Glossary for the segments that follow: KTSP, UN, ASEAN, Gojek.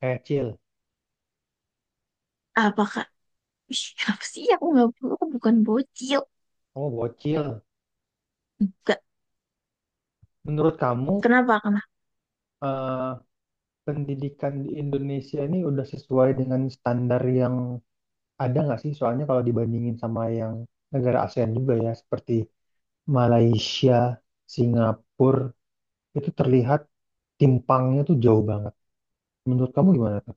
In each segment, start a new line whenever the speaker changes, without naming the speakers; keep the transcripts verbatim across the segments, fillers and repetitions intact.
Eh, Cil,
Apakah... Ih, apa sih aku nggak perlu, aku bukan bocil.
kamu bocil.
Enggak.
Menurut kamu,
Kenapa kenapa
eh, pendidikan di Indonesia ini udah sesuai dengan standar yang ada nggak sih? Soalnya kalau dibandingin sama yang negara ASEAN juga ya, seperti Malaysia, Singapura, itu terlihat timpangnya tuh jauh banget. Menurut kamu gimana tuh?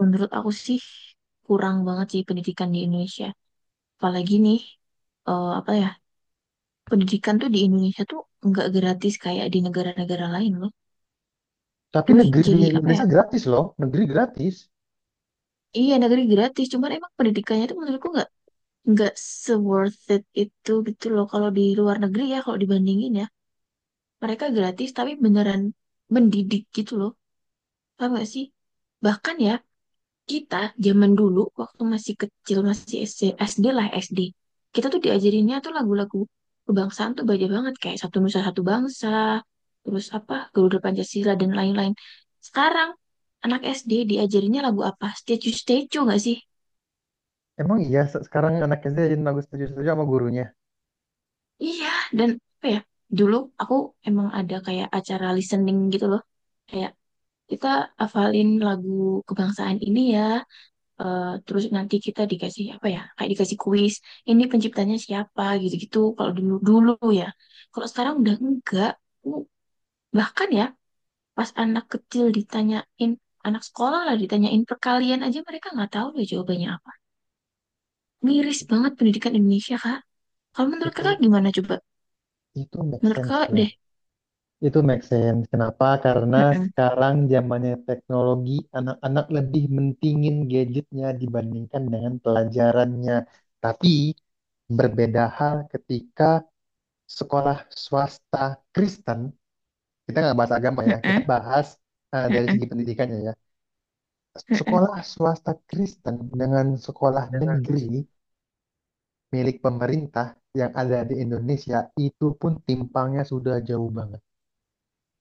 Menurut aku sih kurang banget sih pendidikan di Indonesia. Apalagi nih, eh, apa ya pendidikan tuh di Indonesia tuh nggak gratis kayak di negara-negara lain loh.
Tapi
Terus
negeri
jadi
di
apa ya,
Indonesia gratis loh, negeri gratis.
iya negeri gratis, cuman emang pendidikannya tuh menurutku nggak nggak se worth it itu gitu loh. Kalau di luar negeri ya, kalau dibandingin ya, mereka gratis tapi beneran mendidik gitu loh, paham gak sih? Bahkan ya, kita zaman dulu waktu masih kecil, masih S D, S D lah S D. Kita tuh diajarinnya tuh lagu-lagu kebangsaan tuh banyak banget, kayak Satu Nusa Satu Bangsa, terus apa, Garuda Pancasila dan lain-lain. Sekarang anak S D diajarinnya lagu apa? Statue Statue nggak sih?
Emang iya, se- sekarang anak S D aja nangis setuju-setuju sama gurunya.
Iya, dan apa ya? Dulu aku emang ada kayak acara listening gitu loh. Kayak kita hafalin lagu kebangsaan ini ya, eh, terus nanti kita dikasih apa ya, kayak dikasih kuis ini penciptanya siapa gitu-gitu kalau dulu dulu ya. Kalau sekarang udah enggak. Uh, Bahkan ya, pas anak kecil ditanyain, anak sekolah lah, ditanyain perkalian aja mereka nggak tahu ya jawabannya apa. Miris banget pendidikan Indonesia, kak. Kalau menurut
Itu
kakak gimana coba?
itu make
Menurut
sense
kakak
ya.
deh.
Itu make sense. Kenapa? Karena
Mm-mm,
sekarang zamannya teknologi, anak-anak lebih mentingin gadgetnya dibandingkan dengan pelajarannya. Tapi berbeda hal ketika sekolah swasta Kristen, kita nggak bahas agama ya, kita
mm-mm,
bahas eh, dari
mm-mm,
segi pendidikannya ya.
mm-mm.
Sekolah swasta Kristen dengan sekolah negeri milik pemerintah yang ada di Indonesia itu pun timpangnya sudah jauh banget.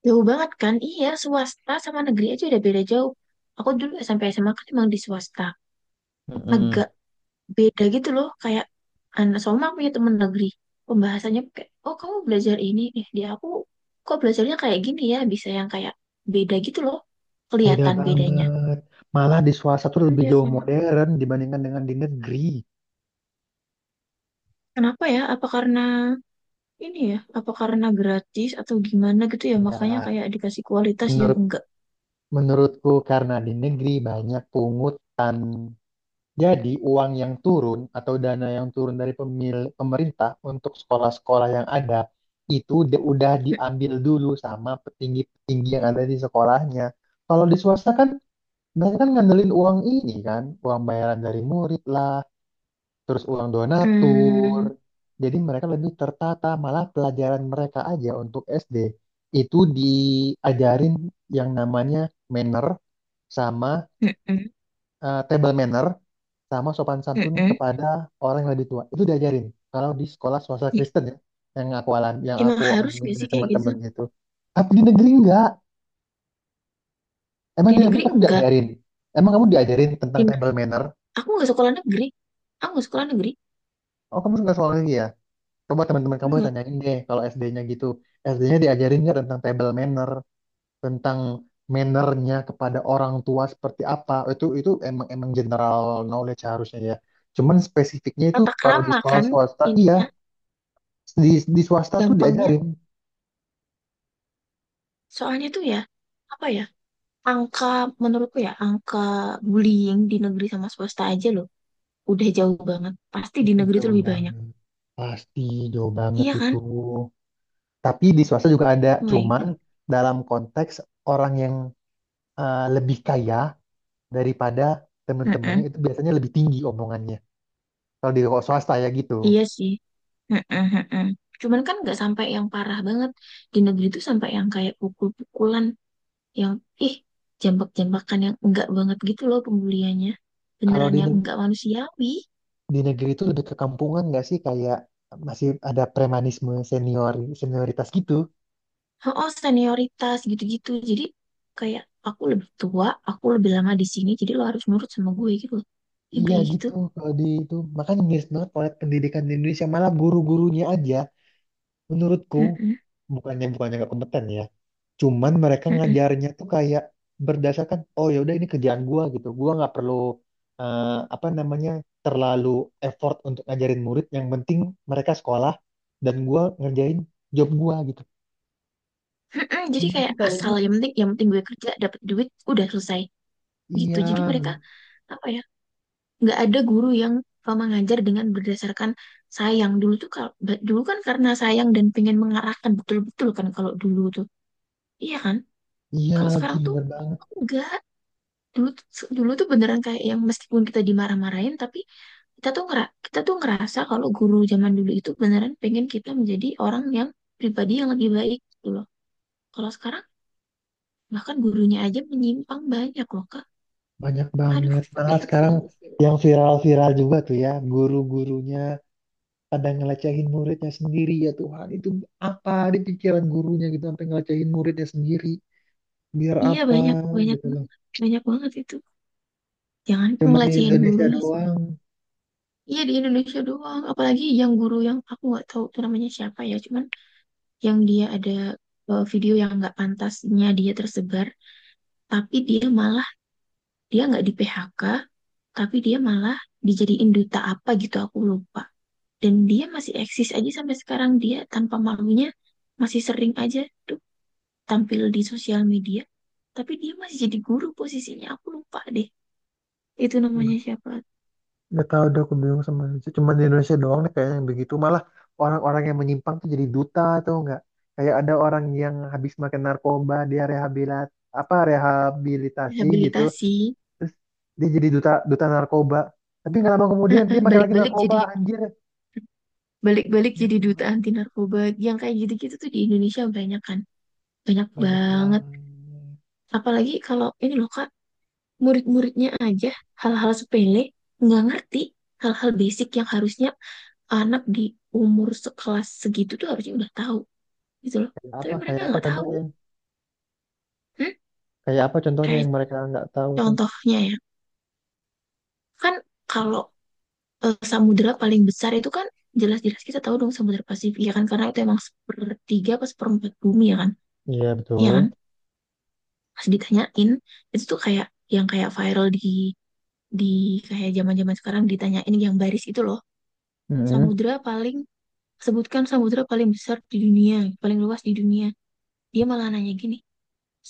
Jauh banget kan, iya, swasta sama negeri aja udah beda jauh. Aku dulu sampai S M A kan emang di swasta.
Mm-mm.
Agak beda gitu loh, kayak anak Soma punya temen negeri, pembahasannya kayak, oh kamu belajar ini, eh dia, aku kok belajarnya kayak gini ya, bisa yang kayak beda gitu loh,
Beda
kelihatan bedanya.
banget. Malah di swasta tuh lebih
Iya
jauh
kan.
modern dibandingkan dengan di negeri.
Kenapa ya? Apa karena ini ya? Apa karena gratis atau gimana gitu ya? Makanya
Enggak.
kayak dikasih kualitas yang
Menurut
enggak.
Menurutku karena di negeri banyak pungutan. Jadi uang yang turun atau dana yang turun dari pemil- pemerintah untuk sekolah-sekolah yang ada itu di- udah diambil dulu sama petinggi-petinggi yang ada di sekolahnya. Kalau di swasta kan mereka kan ngandelin uang ini kan, uang bayaran dari murid lah, terus uang donatur.
Hmm,
Jadi mereka lebih tertata, malah pelajaran mereka aja untuk S D itu diajarin yang namanya manner sama
mm-mm,
eh, table manner sama sopan santun
mm-mm.
kepada orang yang lebih tua. Itu diajarin kalau di sekolah swasta
I-
Kristen ya, yang aku alami yang
Emang
aku
harus
alami
gak
dari
sih kayak gitu?
teman-teman itu. Tapi di negeri enggak. Emang
Di
di negeri
negeri
kamu
enggak.
diajarin? Emang kamu diajarin
Di,
tentang table manner?
aku nggak sekolah negeri. Aku nggak sekolah negeri.
Oh, kamu suka soal ini ya? Coba teman-teman kamu
Enggak.
tanyain deh kalau S D-nya gitu. S D-nya diajarin nggak tentang table manner, tentang mannernya kepada orang tua seperti apa? Itu itu emang emang general knowledge harusnya ya. Cuman spesifiknya itu
Tata
kalau di
krama
sekolah
kan
swasta, iya
ininya.
di di swasta tuh
Gampangnya,
diajarin.
soalnya tuh ya, apa ya, angka, menurutku ya, angka bullying di negeri sama swasta aja loh udah jauh banget. Pasti di
Itu
negeri tuh
jauh
lebih banyak.
banget. Pasti jauh banget
Iya kan?
itu. Tapi di swasta juga ada,
Oh my God.
cuman dalam konteks orang yang eh, lebih kaya daripada teman-temannya
Mm-mm.
itu biasanya lebih tinggi omongannya. Kalau di swasta ya gitu.
Iya sih. Mm-mm, mm-mm. Cuman kan nggak sampai yang parah banget. Di negeri tuh sampai yang kayak pukul-pukulan, yang ih, jambak-jambakan, yang enggak banget gitu loh pembuliannya.
Kalau
Beneran
di
yang
neg-
enggak manusiawi.
di negeri itu udah kekampungan kampungan nggak sih, kayak masih ada premanisme senior senioritas gitu.
Oh, senioritas gitu-gitu, jadi kayak aku lebih tua, aku lebih lama di sini, jadi lo harus nurut sama gue gitu loh, yang
Iya
kayak gitu.
gitu, kalau di itu makanya miris banget oleh pendidikan di Indonesia, malah guru-gurunya aja menurutku
Mm-mm,
bukannya bukannya nggak kompeten ya. Cuman mereka
mm-mm,
ngajarnya tuh kayak berdasarkan oh ya udah ini kerjaan gua gitu. Gua nggak perlu eh, apa namanya terlalu effort untuk ngajarin murid, yang penting mereka sekolah dan gua ngerjain job gua gitu.
mm-mm. Jadi
Menurutku
kayak
kayak
asal,
gitu.
yang penting, yang penting gue kerja dapat duit udah selesai gitu. Jadi
Iya,
mereka
men-
apa ya, nggak ada guru yang eh, mengajar dengan berdasarkan sayang. Dulu tuh kalau ba- dulu kan karena sayang dan pengen mengarahkan betul-betul kan kalau dulu tuh, iya kan.
iya
Kalau
lagi
sekarang tuh
bener banget.
enggak. Dulu tuh- dulu tuh beneran kayak yang meskipun kita dimarah-marahin, tapi kita tuh ngera kita tuh ngerasa kalau guru zaman dulu itu beneran pengen kita menjadi orang yang, pribadi yang lebih baik gitu loh. Kalau sekarang bahkan gurunya aja menyimpang banyak loh, Kak.
Banyak
Aduh.
banget. Malah sekarang yang viral-viral juga tuh ya. Guru-gurunya pada ngelecehin muridnya sendiri. Ya Tuhan, itu apa di pikiran gurunya gitu. Sampai ngelecehin muridnya sendiri. Biar
Iya
apa
banyak, banyak
gitu loh.
banget, banyak banget itu. Jangan
Cuman di
ngelecehin
Indonesia
gurunya sih.
doang.
Iya, di Indonesia doang. Apalagi yang guru yang aku nggak tahu tuh namanya siapa ya. Cuman yang dia ada eh, video yang nggak pantasnya dia tersebar, tapi dia malah, dia nggak di P H K, tapi dia malah dijadiin duta apa gitu aku lupa, dan dia masih eksis aja sampai sekarang, dia tanpa malunya masih sering aja tuh tampil di sosial media, tapi dia masih jadi guru posisinya, aku lupa deh itu namanya siapa.
Gak tahu deh, aku bingung sama Indonesia. Cuma di Indonesia doang nih kayaknya yang begitu. Malah orang-orang yang menyimpang tuh jadi duta atau enggak. Kayak ada orang yang habis makan narkoba, dia rehabilit apa rehabilitasi gitu.
Rehabilitasi.
Terus dia jadi duta duta narkoba. Tapi nggak lama kemudian
Heeh,
dia makan lagi
balik-balik
narkoba,
jadi,
anjir.
balik-balik
Ya
jadi duta
Tuhan,
anti narkoba. Yang kayak gitu-gitu tuh di Indonesia banyak kan, banyak
banyak
banget.
banget.
Apalagi kalau ini loh kak, murid-muridnya aja hal-hal sepele nggak ngerti. Hal-hal basic yang harusnya anak di umur sekelas segitu tuh harusnya udah tahu gitu loh,
Kayak
tapi
apa?
mereka
Kayak apa
nggak tahu.
contohnya?
Hmm?
Kayak apa contohnya
Kayak
yang mereka nggak tahu tuh?
contohnya ya, kan kalau eh, samudera paling besar itu kan jelas-jelas kita tahu dong, samudera Pasifik ya kan, karena itu emang sepertiga apa seperempat bumi ya kan,
Iya
ya
betul.
kan. Pas ditanyain itu tuh kayak yang kayak viral di di kayak zaman-zaman sekarang, ditanyain yang baris itu loh,
Mm-mm.
samudera paling... Sebutkan samudra paling besar di dunia, paling luas di dunia. Dia malah nanya gini,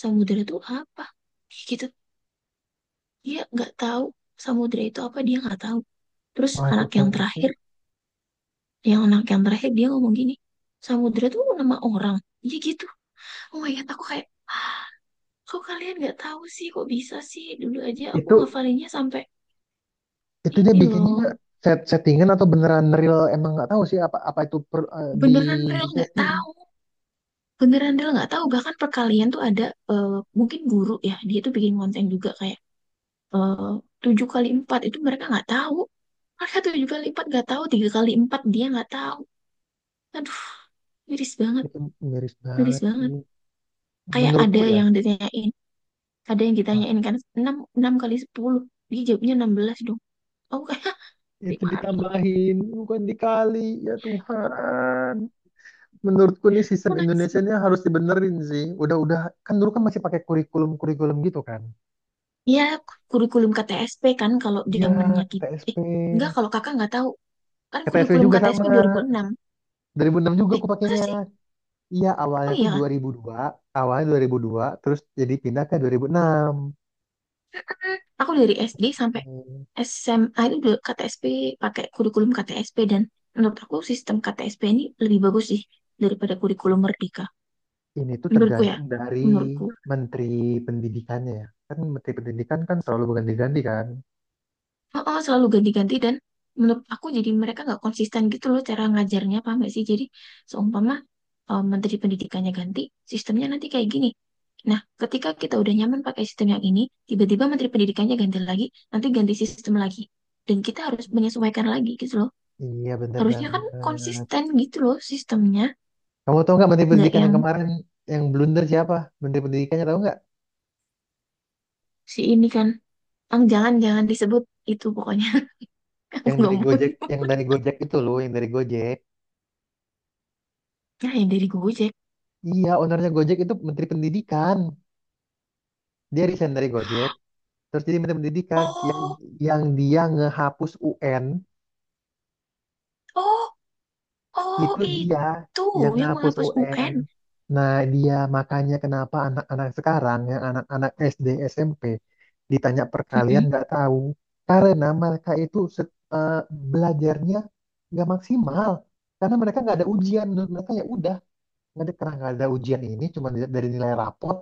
samudra itu apa? Gitu. Dia nggak tahu samudra itu apa, dia nggak tahu. Terus anak
Waduh
yang
parah sih.
terakhir, yang anak yang terakhir dia ngomong gini, samudra itu nama orang. Iya gitu. Oh my God, aku kayak, "Ah, kok kalian nggak tahu sih, kok bisa sih? Dulu aja aku
Itu
ngafalinnya sampai
Itu dia
ini
bikinnya
loh."
set settingan atau beneran real emang nggak tahu sih, apa apa itu per- eh, di
Beneran
di
real nggak
setting
tahu. Beneran real nggak tahu. Bahkan perkalian tuh ada, eh, mungkin guru ya, dia tuh bikin konten juga kayak, eh tujuh kali empat itu mereka nggak tahu. Mereka tujuh kali empat nggak tahu, tiga kali empat dia nggak tahu. Aduh, miris banget,
itu miris
miris
banget sih
banget. Kayak
menurutku
ada
ya.
yang ditanyain, ada yang
Apa?
ditanyain kan enam enam kali sepuluh, dia jawabnya enam belas dong. Aku kayak,
Itu
gimana?
ditambahin bukan dikali, ya Tuhan. Menurutku nih sistem
Aku nangis.
Indonesia ini harus dibenerin sih, udah udah kan dulu kan masih pakai kurikulum kurikulum gitu kan
Ya, kurikulum K T S P kan kalau
ya.
zamannya kita, eh
K T S P.
enggak kalau kakak nggak tahu, kan
KTSP juga
kurikulum K T S P
sama
enam.
dua ribu enam juga
Eh
aku
masa
pakainya.
sih?
Iya
Oh
awalnya tuh
iya,
dua ribu dua awalnya dua ribu dua terus jadi pindah ke dua ribu enam.
aku dari S D sampai S M A itu juga K T S P, pakai kurikulum K T S P, dan menurut aku sistem K T S P ini lebih bagus sih daripada kurikulum Merdeka.
Ini tuh
Menurutku ya,
tergantung dari
menurutku.
Menteri Pendidikannya ya. Kan Menteri Pendidikan kan terlalu berganti-ganti kan.
Oh, oh, selalu ganti-ganti, dan menurut aku jadi mereka nggak konsisten gitu loh cara ngajarnya, paham nggak sih? Jadi seumpama eh, Menteri Pendidikannya ganti, sistemnya nanti kayak gini. Nah, ketika kita udah nyaman pakai sistem yang ini, tiba-tiba Menteri Pendidikannya ganti lagi, nanti ganti sistem lagi. Dan kita harus menyesuaikan lagi gitu loh.
Iya bener
Harusnya kan
banget.
konsisten gitu loh sistemnya.
Kamu tahu nggak Menteri
Nggak,
Pendidikan
yang
yang kemarin yang blunder siapa? Menteri Pendidikannya tahu nggak?
si ini kan. Ang, jangan jangan disebut itu pokoknya. Aku
Yang
nggak
dari
mau.
Gojek, yang dari Gojek itu loh, yang dari Gojek.
Nah, yang dari Gojek.
Iya, ownernya Gojek itu Menteri Pendidikan. Dia resign dari Gojek, terus jadi Menteri Pendidikan. Yang
Oh,
yang dia ngehapus U N.
oh, oh,
Itu dia
itu
yang
yang
ngapus
menghapus
U N.
U N.
Nah, dia makanya kenapa anak-anak sekarang, yang anak-anak S D, S M P, ditanya perkalian
Mm-mm.
nggak tahu. Karena mereka itu set- eh, belajarnya nggak maksimal. Karena mereka nggak ada ujian. Menurut mereka ya udah, nggak ada, karena nggak ada ujian ini, cuma dilihat dari nilai rapot.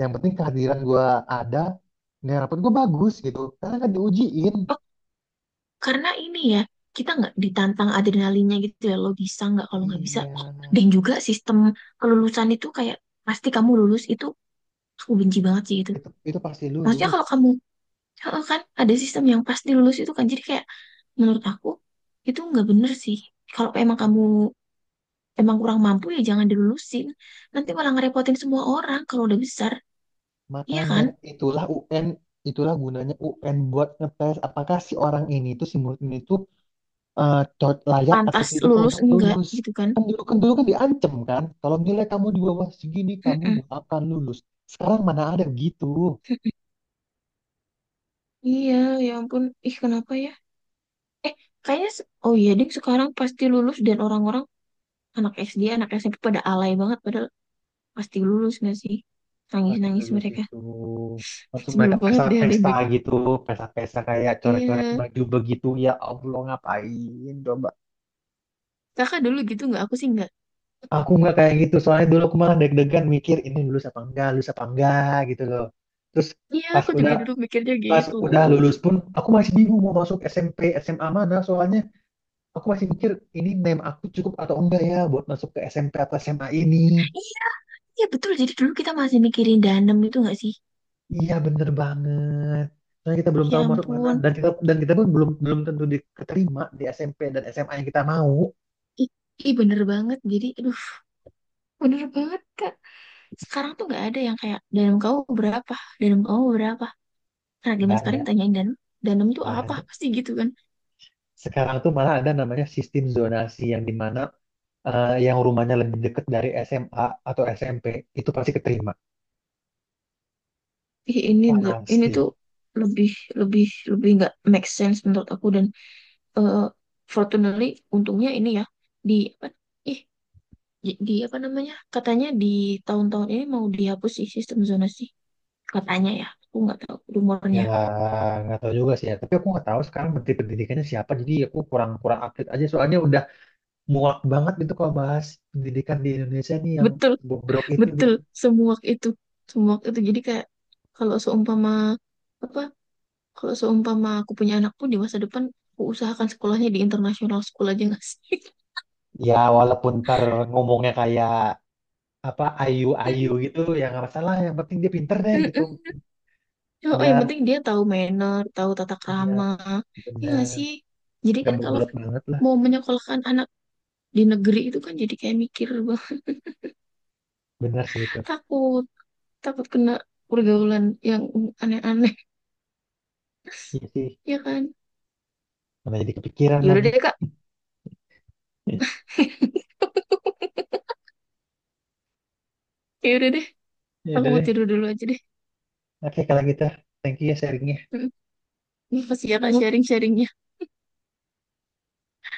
Yang penting kehadiran gua ada, nilai rapot gua bagus gitu. Karena kan diujiin.
Oh, karena ini ya kita nggak ditantang adrenalinnya gitu ya. Lo bisa nggak, kalau nggak bisa.
Iya,
Oh, dan juga sistem kelulusan itu kayak pasti kamu lulus itu, aku benci banget sih itu.
itu itu pasti
Maksudnya
lulus.
kalau kamu, heeh, kan ada sistem yang pasti lulus itu kan, jadi kayak menurut aku itu nggak bener sih. Kalau emang kamu emang kurang mampu ya jangan dilulusin. Nanti malah ngerepotin semua orang kalau udah besar. Iya
Makanya
kan?
itulah U N, itulah gunanya U N buat ngetes apakah si orang ini itu si murid ini tuh eh, cocok- layak atau
Pantas
tidak
lulus
untuk
enggak
lulus.
gitu kan?
Kan dulu kan dulu kan diancam kan, kalau nilai kamu di bawah segini kamu
Mm-mm.
gak akan lulus. Sekarang mana ada gitu.
Mm-mm. Iya, ya ampun. Ih, kenapa ya? Eh, kayaknya se- oh iya ding, sekarang pasti lulus dan orang-orang, anak S D, anak S M P pada alay banget padahal pasti lulus nggak sih?
Pasti
Nangis-nangis
lulus
mereka.
itu langsung mereka
Sebelum banget deh ada yang
pesta-pesta
bikin.
gitu, pesta-pesta kayak coret-coret
Iya.
baju begitu, ya Allah, ngapain coba.
Kakak dulu gitu nggak? Aku sih nggak.
Aku nggak kayak gitu, soalnya dulu aku malah deg-degan mikir ini lulus apa enggak, lulus apa enggak gitu loh. Terus
Iya,
pas
aku juga
udah
dulu mikirnya
pas
gitu.
udah lulus pun aku masih bingung mau masuk S M P, S M A mana, soalnya aku masih mikir ini name aku cukup atau enggak ya buat masuk ke S M P atau S M A ini.
Iya, iya betul. Jadi dulu kita masih mikirin danem itu nggak sih?
Iya bener banget. Soalnya kita belum
Ya
tahu masuk mana,
ampun,
dan kita dan kita pun belum belum tentu diterima di S M P dan S M A yang kita mau.
ih, ih, bener banget. Jadi, aduh, bener banget, Kak. Sekarang tuh nggak ada yang kayak, danum kamu berapa? Danum kamu berapa? Karena zaman
Nggak
sekarang
ada,
tanyain danum, danum tuh
nggak
apa?
ada.
Pasti gitu kan.
Sekarang tuh malah ada namanya sistem zonasi yang dimana eh, yang rumahnya lebih dekat dari S M A atau S M P itu pasti keterima
Ih, ini, tuh- ini
pasti
tuh lebih, lebih, lebih nggak make sense menurut aku. Dan eh, fortunately, untungnya ini ya, di, apa, ih, di, di apa namanya? Katanya di tahun-tahun ini mau dihapus sih sistem zonasi. Katanya ya, aku nggak tahu
ya.
rumornya.
Nggak tahu juga sih ya, tapi aku nggak tahu sekarang menteri pendidikannya siapa, jadi aku kurang kurang update aja, soalnya udah muak banget gitu kalau bahas pendidikan di Indonesia nih yang
Betul,
bobrok itu
betul,
gitu.
semuak itu, semuak itu, jadi kayak kalau seumpama apa, kalau seumpama aku punya anak pun di masa depan, aku usahakan sekolahnya di international school aja nggak sih.
Ya walaupun ntar ngomongnya kayak apa ayu-ayu gitu ya, nggak masalah, yang penting dia pinter deh gitu.
Mm-mm. Oh, yang
Nggak,
penting dia tahu manner, tahu tata
ya,
krama. Iya nggak
benar,
sih? Jadi
nggak
kan kalau
bobrok banget lah.
mau menyekolahkan anak di negeri itu kan jadi kayak mikir bang,
Benar sih itu.
takut, takut kena pergaulan yang aneh-aneh.
Iya sih,
Ya kan?
mana jadi kepikiran
Yaudah
lagi.
deh, Kak. Yaudah deh,
Ya
aku
udah
mau
deh.
tidur dulu aja
Oke, kalau gitu, thank you ya sharingnya.
deh. Ini pasti ya Kak sharing-sharingnya.